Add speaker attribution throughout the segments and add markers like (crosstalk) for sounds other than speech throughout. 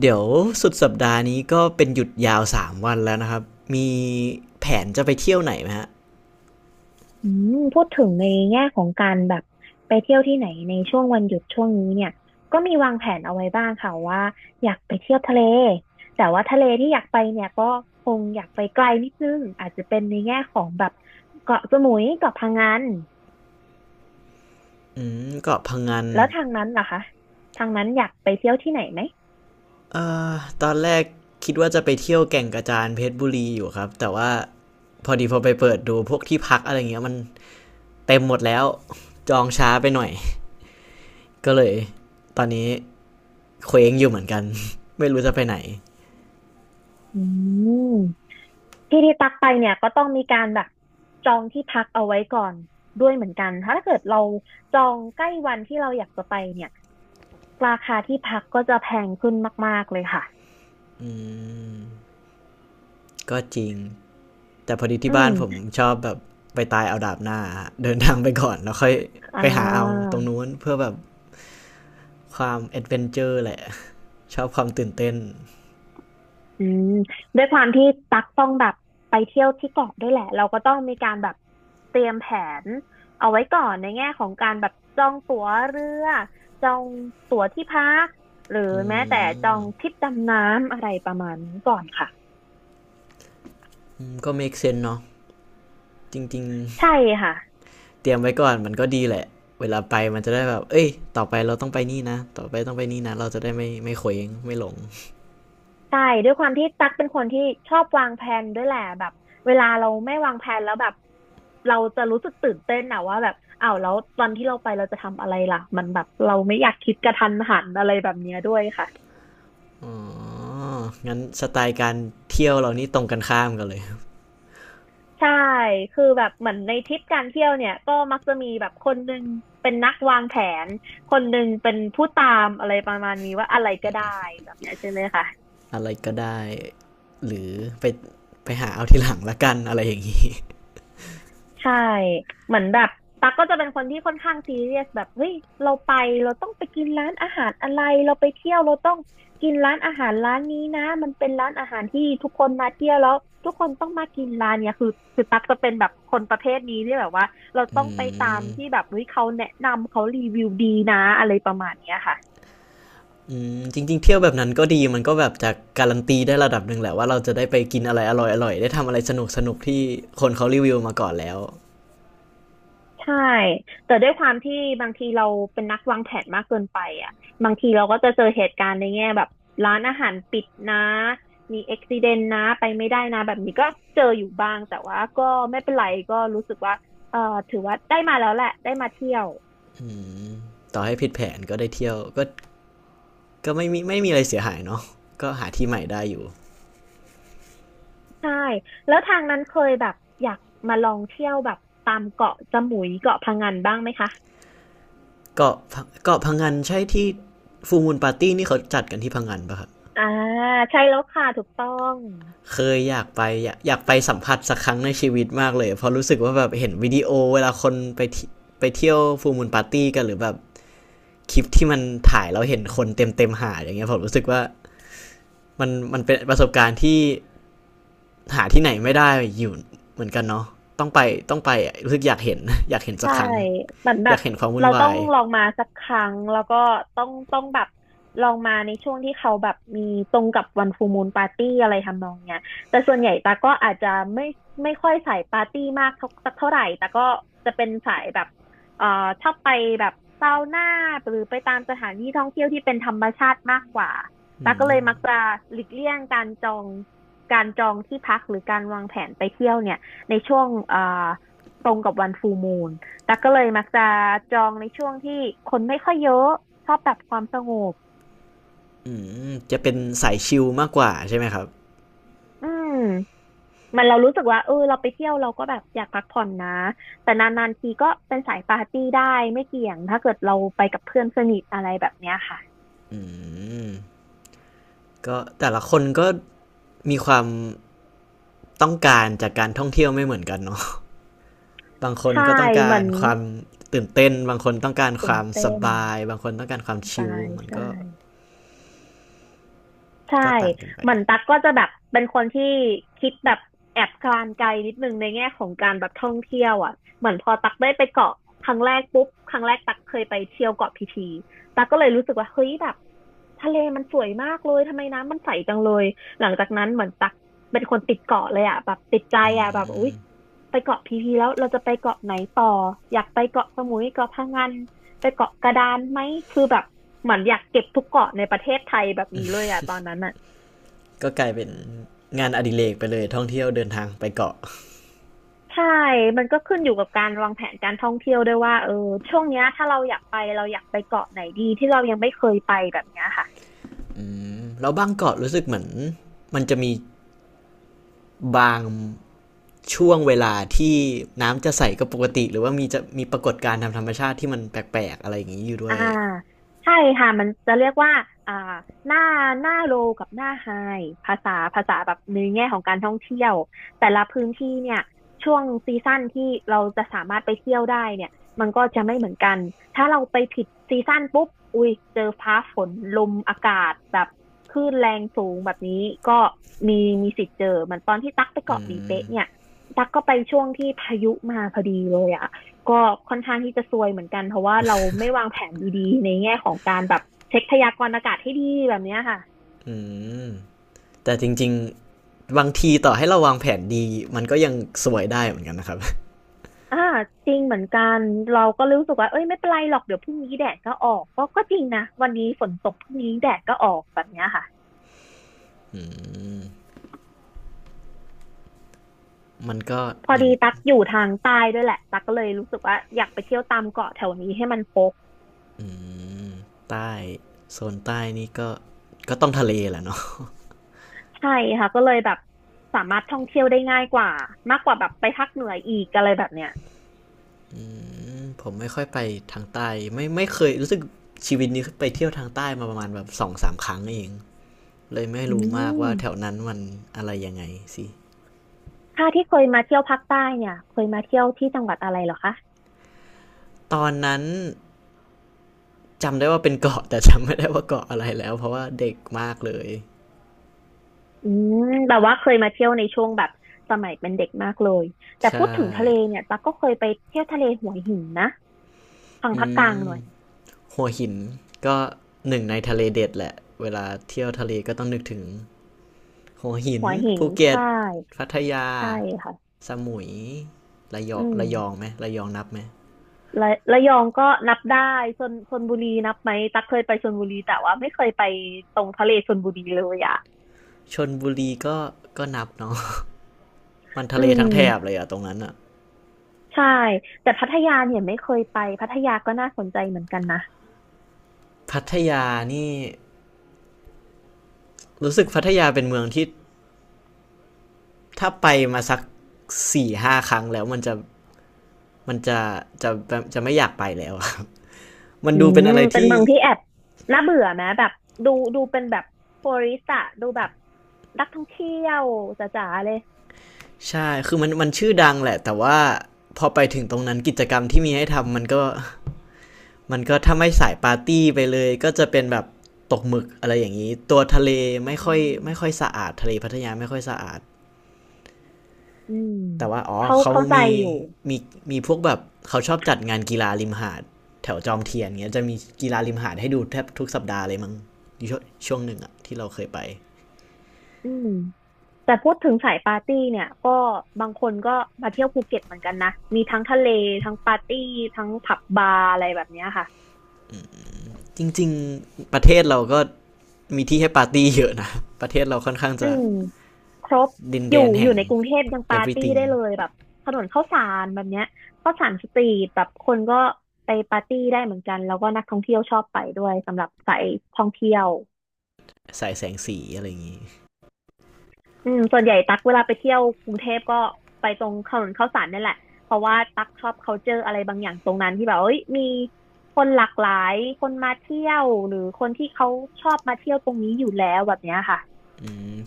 Speaker 1: เดี๋ยวสุดสัปดาห์นี้ก็เป็นหยุดยาว3วันแล้วนะครับ มีแผนจะไปเที่ยวไหนไหมฮะ
Speaker 2: พูดถึงในแง่ของการแบบไปเที่ยวที่ไหนในช่วงวันหยุดช่วงนี้เนี่ยก็มีวางแผนเอาไว้บ้างค่ะว่าอยากไปเที่ยวทะเลแต่ว่าทะเลที่อยากไปเนี่ยก็คงอยากไปไกลนิดนึงอาจจะเป็นในแง่ของแบบเกาะสมุยเกาะพะงัน
Speaker 1: อืมเกาะพังงน
Speaker 2: แล้วทางนั้นล่ะคะทางนั้นอยากไปเที่ยวที่ไหนไหม
Speaker 1: ตอนแรกคิดว่าจะไปเที่ยวแก่งกระจานเพชรบุรีอยู่ครับ แต่ว่าพอดีพอไปเปิดดูพวกที่พักอะไรเงี้ยมันเต็มหมดแล้วจองช้าไปหน่อย ก็เลยตอนนี้เคว้งอยู่เหมือนกัน (laughs) ไม่รู้จะไปไหน
Speaker 2: อืมที่ที่ตักไปเนี่ยก็ต้องมีการแบบจองที่พักเอาไว้ก่อนด้วยเหมือนกันถ้าเกิดเราจองใกล้วันที่เราอยากจะไปเนี่ย ราคาที่พักก็จะแพงขึ้นมากๆเลยค่ะ
Speaker 1: ก็จริงแต่พอดี
Speaker 2: อื
Speaker 1: ที่บ้าน
Speaker 2: ม
Speaker 1: ผมชอบแบบไปตายเอาดาบหน้าเดินทางไปก่อนแล้วค่อย
Speaker 2: อ่
Speaker 1: ไปหาเอา
Speaker 2: า
Speaker 1: ตรงนู้นเพื่อแบบ ความแอดเวนเจอร์แหละ (laughs) ชอบความตื่นเต้น
Speaker 2: อืมด้วยความที่ตักต้องแบบไปเที่ยวที่เกาะด้วยแหละ เราก็ต้องมีการแบบเตรียมแผนเอาไว้ก่อนในแง่ของการแบบจองตั๋วเรือ จองตั๋วที่พักหรือ
Speaker 1: อื
Speaker 2: แม้แต่จองท
Speaker 1: ม
Speaker 2: ริปดำน้ำอะไรประมาณนี้ก่อนค่ะ
Speaker 1: มก็ make sense เซนส์เนาะจริง
Speaker 2: ใช่ค่ะ
Speaker 1: ๆเตรียมไว้ก่อนมันก็ดีแหละเวลาไปมันจะได้แบบเอ้ยต่อไปเราต้องไปนี่นะต่อไปต้องไปนี่นะเราจะได้ไม่เขวงไม่หลง
Speaker 2: ใช่ด้วยความที่ตั๊กเป็นคนที่ชอบวางแผนด้วยแหละแบบเวลาเราไม่วางแผนแล้วแบบเราจะรู้สึกตื่นเต้นอะว่าแบบอ้าวแล้วตอนที่เราไปเราจะทำอะไรล่ะมันแบบเราไม่อยากคิดกระทันหันอะไรแบบเนี้ยด้วยค่ะ
Speaker 1: อ๋องั้นสไตล์การเที่ยวเรานี่ตรงกันข้ามกันเลย
Speaker 2: ใช่คือแบบเหมือนในทริปการเที่ยวเนี่ยก็มักจะมีแบบคนหนึ่งเป็นนักวางแผนคนหนึ่งเป็นผู้ตามอะไรประมาณนี้ว่าอะไรก็ได้แบบเนี้ยใช่ไหมคะ
Speaker 1: อะไรก็ได้หรือไปไปหาเอาทีหลังละกันอะไรอย่างนี้
Speaker 2: ใช่เหมือนแบบตั๊กก็จะเป็นคนที่ค่อนข้างซีเรียสแบบเฮ้ยเราไปเราต้องไปกินร้านอาหารอะไรเราไปเที่ยวเราต้องกินร้านอาหารร้านนี้นะมันเป็นร้านอาหารที่ทุกคนมาเที่ยวแล้วทุกคนต้องมากินร้านเนี้ยคือตั๊กจะเป็นแบบคนประเภทนี้ที่แบบว่าเรา
Speaker 1: อื
Speaker 2: ต้องไปตามที่
Speaker 1: ม
Speaker 2: แบบเฮ้ยเขาแนะนำเขารีวิวดีนะอะไรประมาณเนี้ยค่ะ
Speaker 1: อืมจริงๆเที่ยวแบบนั้นก็ดีมันก็แบบจะการันตีได้ระดับหนึ่งแหละว่าเราจะได้ไปกินอะไรอร่อยๆได้ทำอะไรสนุกๆที่คนเขารีวิวมาก่อนแล้ว
Speaker 2: ใช่ แต่ด้วยความที่บางทีเราเป็นนักวางแผนมากเกินไปอ่ะบางทีเราก็จะเจอเหตุการณ์ในแง่แบบร้านอาหารปิดนะมีอุบิเหตุนะไปไม่ได้นะแบบนี้ก็เจออยู่บ้างแต่ว่าก็ไม่เป็นไรก็รู้สึกว่าเอ่อถือว่าได้มาแล้วแหละได้มาเที่ยว
Speaker 1: ต่อให้ผิดแผนก็ได้เที่ยวก็ก็ไม่มีอะไรเสียหายเนาะก็หาที่ใหม่ได้อยู่
Speaker 2: ใช่แล้วทางนั้นเคยแบบอยากมาลองเที่ยวแบบตามเกาะสมุยเกาะพะงันบ้างไหมคะ
Speaker 1: เกาะเกาะพังงานใช่ที่ฟูลมูลปาร์ตี้นี่เขาจัดกันที่พังงานปะครับ
Speaker 2: อ่าใช่แล้วค่ะถูกต้อง
Speaker 1: เคยอยากไปอยากไปสัมผัสสักครั้งในชีวิตมากเลยเพราะรู้สึกว่าแบบเห็นวิดีโอเวลาคนไปที่ไปเที่ยวฟูลมูลปาร์ตี้กันหรือแบบ คลิปที่มันถ่ายแล้วเห็นคนเต็มเต็มๆหาดอย่างเงี้ยผมรู้สึกว่ามันเป็นประสบการณ์ที่หาที่ไหนไม่ได้อยู่เหมือนกันเนาะต้องไปต้องไปรู้สึกอยากเห็น (laughs) อยากเห็นสัก
Speaker 2: ใช่
Speaker 1: ครั้ง
Speaker 2: เหมือน
Speaker 1: อ
Speaker 2: แบ
Speaker 1: ยา
Speaker 2: บ
Speaker 1: กเห็นความวุ่น
Speaker 2: เราต้
Speaker 1: วา
Speaker 2: อง
Speaker 1: ย
Speaker 2: ลองมาสักครั้งแล้วก็ต้องแบบลองมาในช่วงที่เขาแบบมีตรงกับวันฟูมู o ปาร์ตี้อะไรทำนองเนี้ยแต่ส่วนใหญ่ตาก็อาจจะไม่ไม่ค่อยสายปาร์ตี้มากเท่าสักเท่าไหร่แต่ก็จะเป็นสายแบบเอ่อชอบไปแบบซาวน่าหรือไปตามสถานที่ท่องเที่ยวที่เป็นธรรมชาติมากกว่าตาก็เลยมักจะหลีกเลี่ยงการจองที่พักหรือการวางแผนไปเที่ยวเนี่ยในช่วงตรงกับวันฟูมู แต่กก็เลยมักจะจองในช่วงที่คนไม่ค่อยเยอะชอบแบบความสงบ
Speaker 1: อืมจะเป็นสายชิลมากกว่าใช่ไหมครับ
Speaker 2: อืมมันเรารู้สึกว่าเออเราไปเที่ยวเราก็แบบอยากพักผ่อนนะแต่นานๆทีก็เป็นสายปาร์ตี้ได้ไม่เกี่ยงถ้าเกิดเราไปกับเพื่อนสนิทอะไรแบบเนี้ยค่ะ
Speaker 1: อืมก็แต่ละคนก็มีความต้องการจากการท่องเที่ยวไม่เหมือนกันเนาะ (laughs) บางคน
Speaker 2: ใช่
Speaker 1: ก็ต้อง
Speaker 2: เห
Speaker 1: กา
Speaker 2: มือ
Speaker 1: ร
Speaker 2: น
Speaker 1: ความตื่นเต้นบางคนต้องการค
Speaker 2: ตื่น
Speaker 1: วาม
Speaker 2: เต้
Speaker 1: ส
Speaker 2: น
Speaker 1: บายบางคนต้องการความ
Speaker 2: สไต
Speaker 1: ชิล
Speaker 2: ล
Speaker 1: มัน
Speaker 2: ใช่
Speaker 1: ก็
Speaker 2: ใช่
Speaker 1: ก็ต่างกันไป
Speaker 2: เหมือนตั๊กก็จะแบบเป็นคนที่คิดแบบแอบการไกลนิดนึงในแง่ของการแบบท่องเที่ยวอ่ะเหมือนพอตั๊กได้ไปเกาะครั้งแรกปุ๊บครั้งแรกตั๊กเคยไปเที่ยวเกาะพีพีตั๊กก็เลยรู้สึกว่าเฮ้ยแบบทะเลมันสวยมากเลยทำไมน้ำมันใสจังเลยหลังจากนั้นเหมือนตั๊กเป็นคนติดเกาะเลยอ่ะแบบติดใจอ่ะแบบอุ๊ยไปเกาะพีพีแล้วเราจะไปเกาะไหนต่ออยากไปเกาะสมุยเกาะพะงัน ไปเกาะกระดานไหม คือแบบเหมือนอยากเก็บทุกเกาะในประเทศไทยแบบนี้เลยอะตอนนั้นอะ
Speaker 1: ก็กลายเป็นงานอดิเรกไปเลยท่องเที่ยวเดินทางไปเกาะ
Speaker 2: ใช่ มันก็ขึ้นอยู่กับการวางแผนการท่องเที่ยวด้วยว่าเออช่วงเนี้ยถ้าเราอยากไปเราอยากไปเกาะไหนดีที่เรายังไม่เคยไปแบบเนี้ยค่ะ
Speaker 1: แล้วบางเกาะรู้สึกเหมือนมันจะมีบางช่วงเวลาที่น้ำจะใสก็ปกติหรือว่ามีจะมีปรากฏการณ์ทางธรรมชาติที่มันแปลกๆอะไรอย่างนี้อยู่ด้
Speaker 2: อ่า
Speaker 1: วย
Speaker 2: ใช่ค่ะมันจะเรียกว่าอ่าหน้าหน้าโลกับหน้าไฮภาษาแบบในแง่ของการท่องเที่ยวแต่ละพื้นที่เนี่ยช่วงซีซั่นที่เราจะสามารถไปเที่ยวได้เนี่ยมันก็จะไม่เหมือนกันถ้าเราไปผิดซีซั่นปุ๊บอุ้ยเจอฟ้าฝนลมอากาศแบบคลื่นแรงสูงแบบนี้ก็มีมีสิทธิ์เจอเหมือนตอนที่ตักไปเกาะหลีเป๊ะเนี่ยตักก็ไปช่วงที่พายุมาพอดีเลยอะ ก็ค่อนข้างที่จะซวยเหมือนกันเพราะว่าเราไม่วางแผนดีๆในแง่ของการแบบเช็คพยากรณ์อากาศให้ดีแบบเนี้ยค่ะ
Speaker 1: อืมแต่จริงๆบางทีต่อให้เราวางแผนดีมันก็ยังสวยได้เหมือนกันนะครับ
Speaker 2: อ่าจริงเหมือนกันเราก็รู้สึกว่าเอ้ยไม่เป็นไรหรอกเดี๋ยวพรุ่งนี้แดดก็ออกก็จริงนะวันนี้ฝนตกพรุ่งนี้แดดก็ออกแบบเนี้ยค่ะ
Speaker 1: (laughs) มันก็
Speaker 2: พอ
Speaker 1: อย่าง
Speaker 2: ดีตักอยู่ทางใต้ด้วยแหละตักก็เลยรู้สึกว่าอยากไปเที่ยวตามเกาะแถวนี้ให้มันครบ
Speaker 1: ใต้โซนใต้นี่ก็ก็ต้องทะเลแหละเนาะ
Speaker 2: ใช่ค่ะก็เลยแบบสามารถท่องเที่ยวได้ง่ายกว่ามากกว่าแบบไปภาคเหนืออีกอะไรแบบเนี้ย
Speaker 1: ผมไม่ค่อยไปทางใต้ไม่เคยรู้สึกชีวิตนี้ไปเที่ยวทางใต้มาประมาณแบบสองสามครั้งเองเลยไม่
Speaker 2: อื
Speaker 1: รู้มาก
Speaker 2: ม
Speaker 1: ว่าแถวนั้นมันอะไรยังไงสิ
Speaker 2: ถ้าที่เคยมาเที่ยวภาคใต้เนี่ยเคยมาเที่ยวที่จังหวัดอะไรเหรอคะ
Speaker 1: ตอนนั้นจำได้ว่าเป็นเกาะ (laughs) แต่จำไม่ได้ว่าเกาะอะไรแล้วเพราะว่าเด็กมากเลย
Speaker 2: อืมแบบว่าเคยมาเที่ยวในช่วงแบบสมัยเป็นเด็กมากเลยแต่
Speaker 1: ใช่
Speaker 2: พูดถึงทะเลเนี่ยตั๊กก็เคยไปเที่ยวทะเลหัวหินนะทาง
Speaker 1: อื
Speaker 2: ภาคกลาง
Speaker 1: ม
Speaker 2: หน่อย
Speaker 1: หัวหินก็หนึ่งในทะเลเด็ดแหละเวลาเที่ยวทะเลก็ต้องนึกถึงหัวหิน
Speaker 2: หัวหิน
Speaker 1: ภูเก็ต
Speaker 2: ใช่
Speaker 1: พัทยา
Speaker 2: ใช่ค่ะ
Speaker 1: สมุยระยอ
Speaker 2: อื
Speaker 1: ง
Speaker 2: ม
Speaker 1: ระยองไหมระยองนับไหม
Speaker 2: ระยองก็นับได้ชลบุรีนับไหมตั๊กเคยไปชลบุรีแต่ว่าไม่เคยไปตรงทะเลชลบุรีเลยอ่ะ
Speaker 1: ชนบุรีก็ก็นับเนาะ (laughs) มันทะ
Speaker 2: อื
Speaker 1: เลทั้งแถบเลย
Speaker 2: ม
Speaker 1: อะตรงนั้นอะ
Speaker 2: ใช่แต่พัทยาเนี่ยไม่เคยไปพัทยาก็น่าสนใจเหมือนกันนะ
Speaker 1: พัทยานี่รู้สึกพัทยาเป็นเมืองที่ถ้าไปมาสักสี่ห้าครั้งแล้วมันจะมันจะจะไม่อยากไปแล้วครับ (laughs) มัน
Speaker 2: อื
Speaker 1: ดูเป็น
Speaker 2: ม
Speaker 1: อะไร
Speaker 2: เป็น
Speaker 1: ที่
Speaker 2: เมืองที่แอบน่าเบื่อไหมแบบดูเป็นแบบทัวริสต์อะดูแบบนักท่องเที่ยวจ๋าๆเลย
Speaker 1: ใช่คือมันชื่อดังแหละแต่ว่าพอไปถึงตรงนั้นกิจกรรมที่มีให้ทำมันก็มันก็ถ้าไม่สายปาร์ตี้ไปเลยก็จะเป็นแบบตกหมึกอะไรอย่างนี้ตัวทะเล
Speaker 2: อื
Speaker 1: ไม่ค่อยไม่ค่อย
Speaker 2: ม
Speaker 1: สะอาดทะเลพัทยาไม่ค่อยสะอาด
Speaker 2: อืม
Speaker 1: แต่ว่าอ๋อ
Speaker 2: เขา
Speaker 1: เขา
Speaker 2: เข้าใจ
Speaker 1: มี
Speaker 2: อยู่
Speaker 1: มีมีพวกแบบเขาชอบจัดงานกีฬาริมหาดแถวจอมเทียนเงี้ยจะมีกีฬาริมหาดให้ดูแทบทุกสัปดาห์เลยมั้งชูช่วงหนึ่งอะที่เราเคยไป
Speaker 2: อืมแต่พูดถึงสายปาร์ตี้เนี่ยก็บางคนก็มาเที่ยวภูเก็ตเหมือนกันนะมีทั้งทะเลทั้งปาร์ตี้ทั้งผับบาร์อะไรแบบเนี้ยค่ะ
Speaker 1: จริงๆประเทศเราก็มีที่ให้ปาร์ตี้เยอะนะประเทศเราค่อนข้าง
Speaker 2: อื
Speaker 1: จะ
Speaker 2: มครบ
Speaker 1: ดินแดน
Speaker 2: อ
Speaker 1: แห่
Speaker 2: ยู่
Speaker 1: ง
Speaker 2: ในกรุงเทพยังปาร์ตี้
Speaker 1: everything
Speaker 2: ได้เลยแบบถนนข้าวสารแบบเนี้ยข้าวสารสตรีทแบบคนก็ไปปาร์ตี้ได้เหมือนกันแล้วก็นักท่องเที่ยวชอบไปด้วยสำหรับสายท่องเที่ยว
Speaker 1: สายแสงสีอะไรอย่างงี้
Speaker 2: อืมส่วนใหญ่ตักเวลาไปเที่ยวกรุงเทพก็ไปตรงถนนข้าวสารนี่แหละเพราะว่าตักชอบ culture อะไรบางอย่างตรงนั้นที่แบบเอ้ยมีคนหลากหลายคนมาเที่ยวหรือคนที่เขาชอบมาเที่ยวตรงนี้อยู่แล้วแบบเนี้ยค่ะ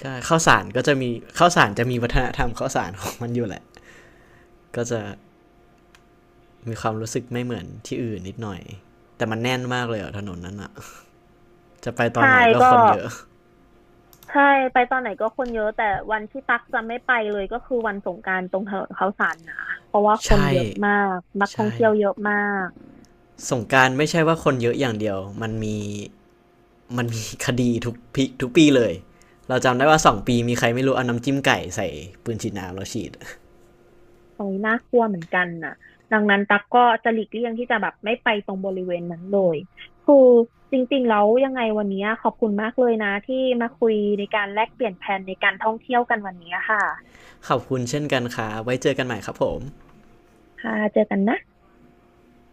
Speaker 1: ใช่ข้าวสารก็จะมีข้าวสารจะมีวัฒนธรรมข้าวสารของมันอยู่แหละก็จะมีความรู้สึกไม่เหมือนที่อื่นนิดหน่อยแต่มันแน่นมากเลยอะถนนนั้นอะ จะไปตอน
Speaker 2: ใช่
Speaker 1: ไหนก็ค
Speaker 2: ก็
Speaker 1: นเยอะ
Speaker 2: ใช่ไปตอนไหนก็คนเยอะแต่วันที่ตักจะไม่ไปเลยก็คือวันสงกรานต์ตรงถนนข้าวสารนะเพราะว่าคน
Speaker 1: ใช่
Speaker 2: เยอะมากนักท่อง
Speaker 1: ใช่
Speaker 2: เที่ยวเยอะมาก
Speaker 1: สงกรารไม่ใช่ว่าคนเยอะอย่างเดียว มันมีมันมีคดีทุกปีทุกปีเลย เราจำได้ว่าสองปีมีใครไม่รู้เอาน้ำจิ้มไก่ใส่ปืนฉีดน้ำแล้วฉีด
Speaker 2: ตรงนี้น่ากลัวเหมือนกันน่ะดังนั้นตักก็จะหลีกเลี่ยงที่จะแบบไม่ไปตรงบริเวณนั้นเลยคือจริงๆแล้วยังไงวันนี้ขอบคุณมากเลยนะที่มาคุยในการแลกเปลี่ยนแผนในการท่องเที่ยวกันวันนี้ค่ะ
Speaker 1: ขอบคุณเช่นกันค่ะไว้เจอกันใหม่ครับผม
Speaker 2: ค่ะเจอกันนะ